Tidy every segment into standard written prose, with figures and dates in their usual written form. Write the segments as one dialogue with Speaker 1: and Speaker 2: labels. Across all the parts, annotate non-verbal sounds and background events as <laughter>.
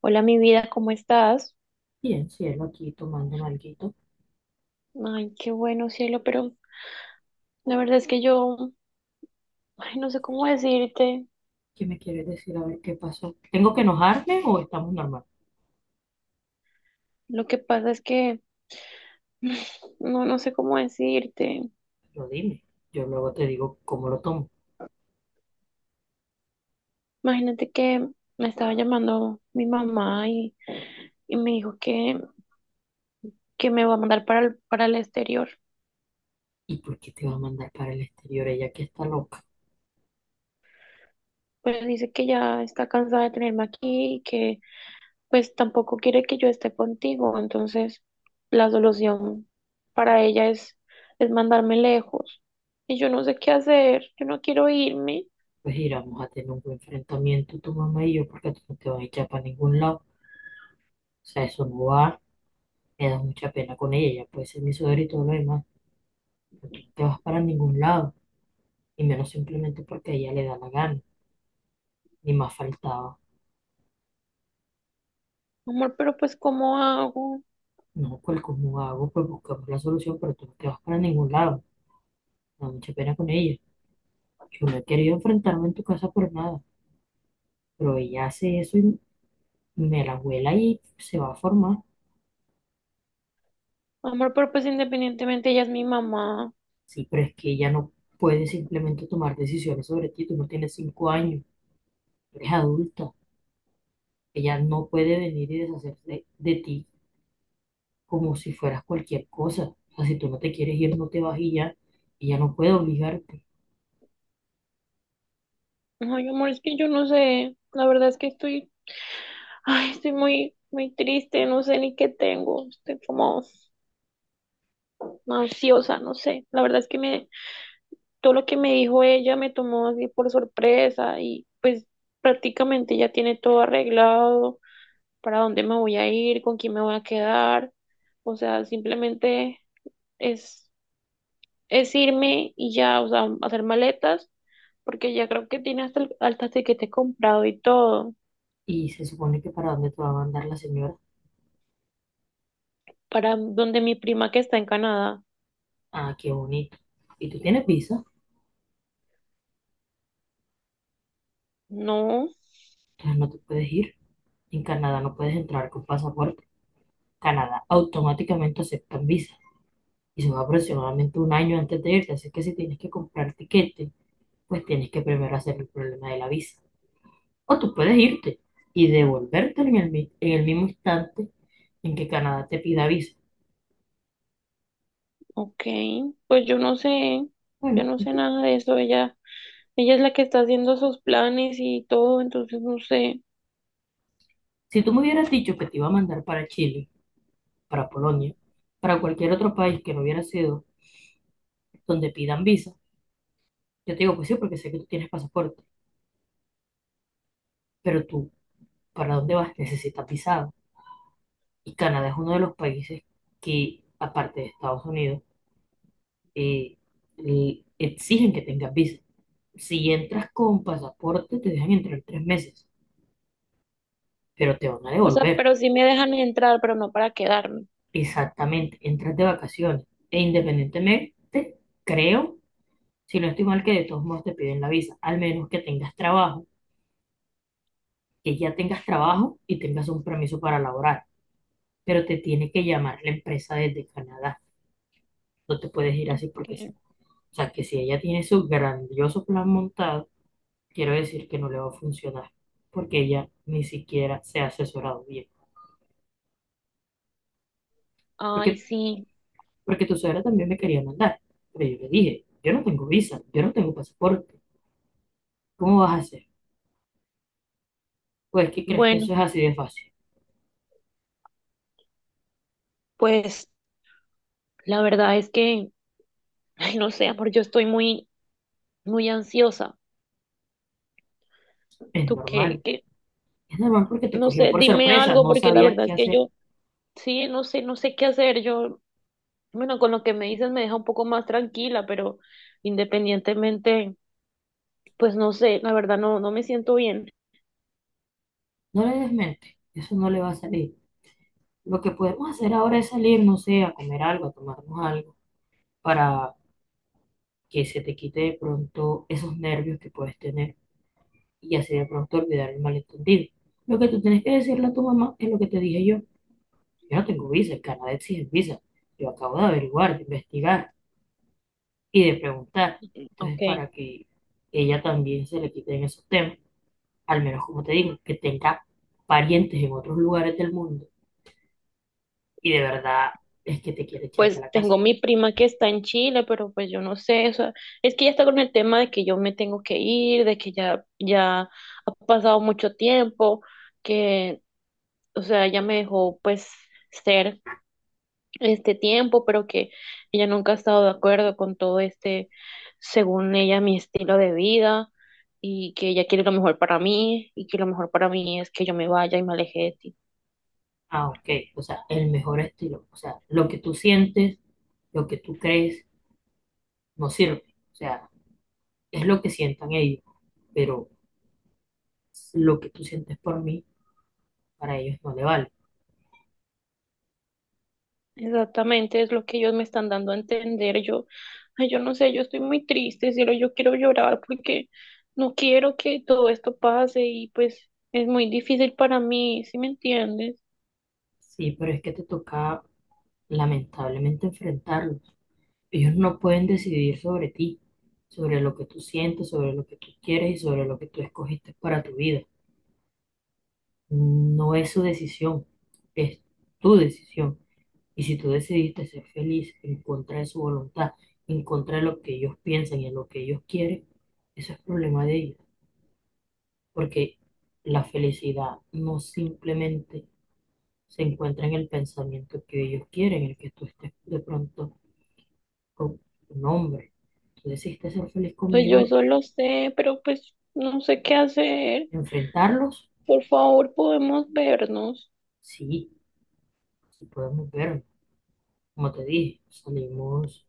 Speaker 1: Hola, mi vida, ¿cómo estás?
Speaker 2: Bien, cielo, aquí tomando alguito.
Speaker 1: Ay, qué bueno, cielo, pero la verdad es que yo, ay, no sé cómo decirte.
Speaker 2: ¿Qué me quieres decir? A ver qué pasó. ¿Tengo que enojarme o estamos normal?
Speaker 1: Lo que pasa es que <sighs> no, no sé cómo decirte.
Speaker 2: Lo dime. Yo luego te digo cómo lo tomo.
Speaker 1: Imagínate que me estaba llamando mi mamá y me dijo que me va a mandar para el exterior.
Speaker 2: ¿Y por qué te va a mandar para el exterior ella que está loca?
Speaker 1: Pues dice que ya está cansada de tenerme aquí y que pues tampoco quiere que yo esté contigo, entonces la solución para ella es mandarme lejos. Y yo no sé qué hacer, yo no quiero irme.
Speaker 2: Pues iramos a tener un buen enfrentamiento tu mamá y yo porque tú no te vas a echar para ningún lado. O sea, eso no va. Me da mucha pena con ella. Ella puede ser mi suegra y todo lo demás. Pero tú no te vas para ningún lado. Y menos simplemente porque a ella le da la gana. Ni más faltaba.
Speaker 1: Amor, pero pues ¿cómo hago?
Speaker 2: No, pues ¿cómo hago? Pues buscamos la solución, pero tú no te vas para ningún lado. Me da mucha pena con ella. Yo no he querido enfrentarme en tu casa por nada, pero ella hace eso y me la vuela y se va a formar.
Speaker 1: Amor, pero pues independientemente ella es mi mamá.
Speaker 2: Sí, pero es que ella no puede simplemente tomar decisiones sobre ti. Tú no tienes 5 años, eres adulta. Ella no puede venir y deshacerse de ti como si fueras cualquier cosa. O sea, si tú no te quieres ir, no te vas y ya. Ella no puede obligarte.
Speaker 1: Ay, amor, es que yo no sé. La verdad es que estoy, ay, estoy muy, muy triste, no sé ni qué tengo. Estoy como ansiosa, no sé. La verdad es que me, todo lo que me dijo ella me tomó así por sorpresa y pues prácticamente ya tiene todo arreglado, para dónde me voy a ir, con quién me voy a quedar, o sea, simplemente es, es irme y ya, o sea, hacer maletas, porque ya creo que tiene hasta el tiquete comprado y todo,
Speaker 2: Y se supone que para dónde te va a mandar la señora.
Speaker 1: para donde mi prima que está en Canadá.
Speaker 2: Ah, qué bonito. Y tú tienes visa,
Speaker 1: No,
Speaker 2: entonces no te puedes ir. En Canadá no puedes entrar con pasaporte. Canadá automáticamente aceptan visa y son aproximadamente un año antes de irte. Así que si tienes que comprar tiquete, pues tienes que primero hacer el problema de la visa. O tú puedes irte y devolverte en el, en el mismo instante en que Canadá te pida visa.
Speaker 1: ok, pues yo
Speaker 2: Bueno,
Speaker 1: no sé nada de eso, ella es la que está haciendo sus planes y todo, entonces no sé.
Speaker 2: si tú me hubieras dicho que te iba a mandar para Chile, para Polonia, para cualquier otro país que no hubiera sido donde pidan visa, yo te digo, pues sí, porque sé que tú tienes pasaporte, pero tú, ¿para dónde vas? Necesitas visado. Y Canadá es uno de los países que, aparte de Estados Unidos, eh, le exigen que tengas visa. Si entras con pasaporte, te dejan entrar 3 meses, pero te van a
Speaker 1: O sea,
Speaker 2: devolver.
Speaker 1: pero sí me dejan entrar, pero no para quedarme.
Speaker 2: Exactamente, entras de vacaciones. E independientemente, creo, si no estoy mal, que de todos modos te piden la visa, al menos que tengas trabajo, que ya tengas trabajo y tengas un permiso para laborar. Pero te tiene que llamar la empresa desde Canadá. No te puedes ir así porque sí.
Speaker 1: Que-
Speaker 2: O sea, que si ella tiene su grandioso plan montado, quiero decir que no le va a funcionar, porque ella ni siquiera se ha asesorado bien.
Speaker 1: Ay,
Speaker 2: Porque,
Speaker 1: sí.
Speaker 2: porque tu suegra también me quería mandar, pero yo le dije, yo no tengo visa, yo no tengo pasaporte, ¿cómo vas a hacer? Pues, ¿qué crees que
Speaker 1: Bueno,
Speaker 2: eso es así de fácil?
Speaker 1: pues la verdad es que, ay, no sé, amor, yo estoy muy, muy ansiosa.
Speaker 2: Es
Speaker 1: ¿Tú qué,
Speaker 2: normal,
Speaker 1: qué?
Speaker 2: es normal porque te
Speaker 1: No
Speaker 2: cogió
Speaker 1: sé,
Speaker 2: por
Speaker 1: dime
Speaker 2: sorpresa,
Speaker 1: algo,
Speaker 2: no
Speaker 1: porque la
Speaker 2: sabías
Speaker 1: verdad
Speaker 2: qué
Speaker 1: es que
Speaker 2: hacer.
Speaker 1: yo, sí, no sé, no sé qué hacer. Yo, bueno, con lo que me dices me deja un poco más tranquila, pero independientemente, pues no sé, la verdad no, no me siento bien.
Speaker 2: No le des mente, eso no le va a salir. Lo que podemos hacer ahora es salir, no sé, a comer algo, a tomarnos algo, para que se te quite de pronto esos nervios que puedes tener y así de pronto olvidar el malentendido. Lo que tú tienes que decirle a tu mamá es lo que te dije yo. Yo no tengo visa, el Canadá exige visa. Yo acabo de averiguar, de investigar y de preguntar.
Speaker 1: Ok,
Speaker 2: Entonces, para que ella también se le quite en esos temas, al menos como te digo, que tenga parientes en otros lugares del mundo y de verdad es que te quiere echar de
Speaker 1: pues
Speaker 2: la casa.
Speaker 1: tengo mi prima que está en Chile, pero pues yo no sé, o sea, es que ya está con el tema de que yo me tengo que ir, de que ya, ya ha pasado mucho tiempo, que, o sea, ella me dejó pues ser este tiempo, pero que ella nunca ha estado de acuerdo con todo este, según ella, mi estilo de vida. Y que ella quiere lo mejor para mí, y que lo mejor para mí es que yo me vaya y me aleje de ti.
Speaker 2: Ah, ok, o sea, el mejor estilo, o sea, lo que tú sientes, lo que tú crees, no sirve. O sea, es lo que sientan ellos, pero lo que tú sientes por mí, para ellos no le vale.
Speaker 1: Exactamente, es lo que ellos me están dando a entender. Yo, ay, yo no sé, yo estoy muy triste, cielo, yo quiero llorar porque no quiero que todo esto pase y pues es muy difícil para mí, ¿sí me entiendes?
Speaker 2: Sí, pero es que te toca lamentablemente enfrentarlos. Ellos no pueden decidir sobre ti, sobre lo que tú sientes, sobre lo que tú quieres y sobre lo que tú escogiste para tu vida. No es su decisión, es tu decisión. Y si tú decidiste ser feliz en contra de su voluntad, en contra de lo que ellos piensan y en lo que ellos quieren, eso es problema de ellos. Porque la felicidad no simplemente se encuentra en el pensamiento que ellos quieren, el que tú estés de pronto con un hombre. Tú decidiste ser feliz
Speaker 1: Pues yo
Speaker 2: conmigo,
Speaker 1: eso lo sé, pero pues no sé qué hacer.
Speaker 2: enfrentarlos,
Speaker 1: Por favor, ¿podemos vernos?
Speaker 2: sí, sí podemos vernos. Como te dije, salimos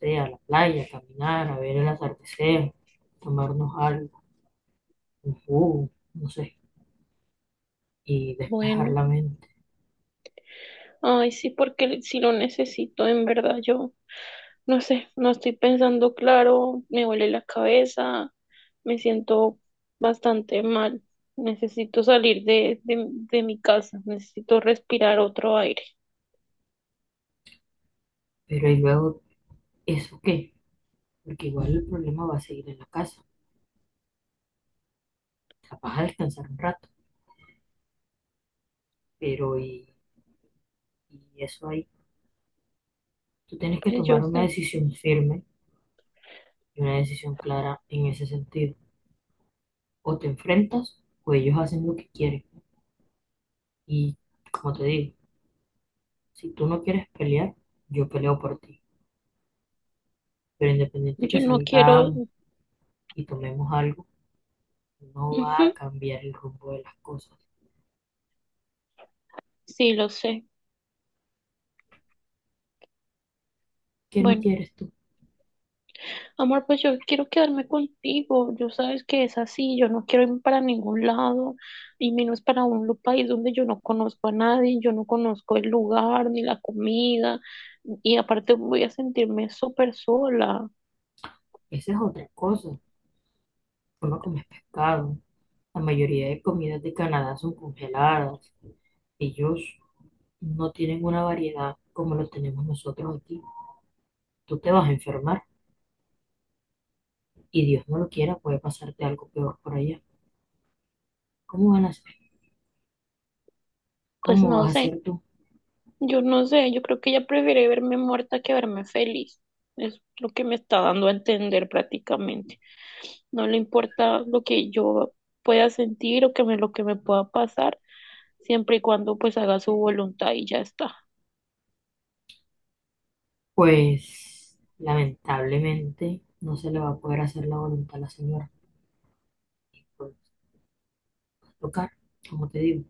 Speaker 2: no a la playa, a caminar, a ver el atardecer, tomarnos algo, un jugo, no sé, y despejar
Speaker 1: Bueno,
Speaker 2: la mente.
Speaker 1: ay, sí, porque sí lo necesito, en verdad, yo. No sé, no estoy pensando claro, me duele la cabeza, me siento bastante mal. Necesito salir de mi casa, necesito respirar otro aire.
Speaker 2: Pero y luego, ¿eso qué? Porque igual el problema va a seguir en la casa. Capaz a descansar un rato, pero y eso ahí. Tú tienes que
Speaker 1: Pues yo
Speaker 2: tomar una
Speaker 1: sé,
Speaker 2: decisión firme y una decisión clara en ese sentido. O te enfrentas o ellos hacen lo que quieren. Y como te digo, si tú no quieres pelear, yo peleo por ti. Pero independiente de
Speaker 1: yo
Speaker 2: que
Speaker 1: no quiero.
Speaker 2: salgamos y tomemos algo, no va
Speaker 1: Ujú.
Speaker 2: a cambiar el rumbo de las cosas.
Speaker 1: Sí, lo sé.
Speaker 2: ¿Qué no
Speaker 1: Bueno.
Speaker 2: quieres tú?
Speaker 1: Amor, pues yo quiero quedarme contigo. Yo sabes que es así. Yo no quiero irme para ningún lado y menos para un país donde yo no conozco a nadie, yo no conozco el lugar ni la comida y aparte voy a sentirme súper sola.
Speaker 2: Esa es otra cosa. Tú no comes pescado. La mayoría de comidas de Canadá son congeladas. Ellos no tienen una variedad como lo tenemos nosotros aquí. Tú te vas a enfermar. Y Dios no lo quiera, puede pasarte algo peor por allá. ¿Cómo van a hacer?
Speaker 1: Pues
Speaker 2: ¿Cómo
Speaker 1: no
Speaker 2: vas a
Speaker 1: sé.
Speaker 2: hacer tú?
Speaker 1: Yo no sé, yo creo que ella prefiere verme muerta que verme feliz. Es lo que me está dando a entender prácticamente. No le importa lo que yo pueda sentir o que me, lo que me pueda pasar, siempre y cuando pues haga su voluntad y ya está.
Speaker 2: Pues lamentablemente no se le va a poder hacer la voluntad a la señora. Por tocar, como te digo,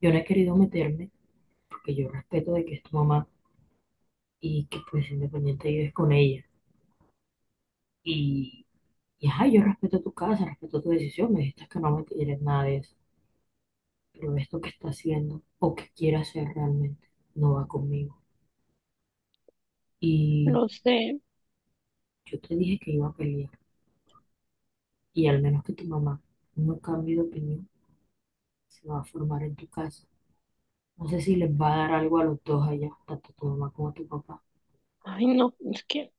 Speaker 2: yo no he querido meterme porque yo respeto de que es tu mamá y que pues independiente vives con ella. Y, y ajá, yo respeto tu casa, respeto tu decisión, me dijiste que no me quieres nada de eso. Pero esto que está haciendo o que quiere hacer realmente no va conmigo. Y
Speaker 1: Lo sé.
Speaker 2: yo te dije que iba a pelear. Y al menos que tu mamá no cambie de opinión, se va a formar en tu casa. No sé si les va a dar algo a los dos allá, tanto tu mamá como tu papá.
Speaker 1: Ay, no, es que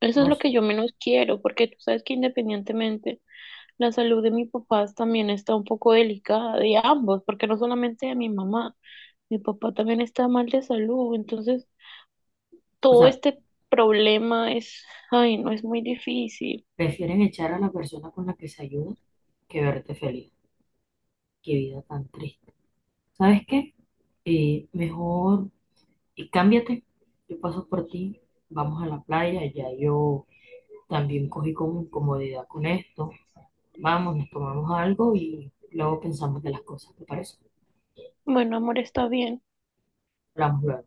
Speaker 1: eso
Speaker 2: No
Speaker 1: es lo que
Speaker 2: sé.
Speaker 1: yo menos quiero, porque tú sabes que independientemente la salud de mis papás también está un poco delicada, de ambos, porque no solamente de mi mamá, mi papá también está mal de salud, entonces
Speaker 2: O
Speaker 1: todo
Speaker 2: sea,
Speaker 1: este problema es, ay, no es muy difícil.
Speaker 2: prefieren echar a la persona con la que se ayuda que verte feliz. Qué vida tan triste. ¿Sabes qué? Mejor cámbiate. Yo paso por ti. Vamos a la playa. Ya yo también cogí como incomodidad con esto. Vamos, nos tomamos algo y luego pensamos de las cosas. ¿Te parece?
Speaker 1: Bueno, amor, está bien.
Speaker 2: Hablamos luego.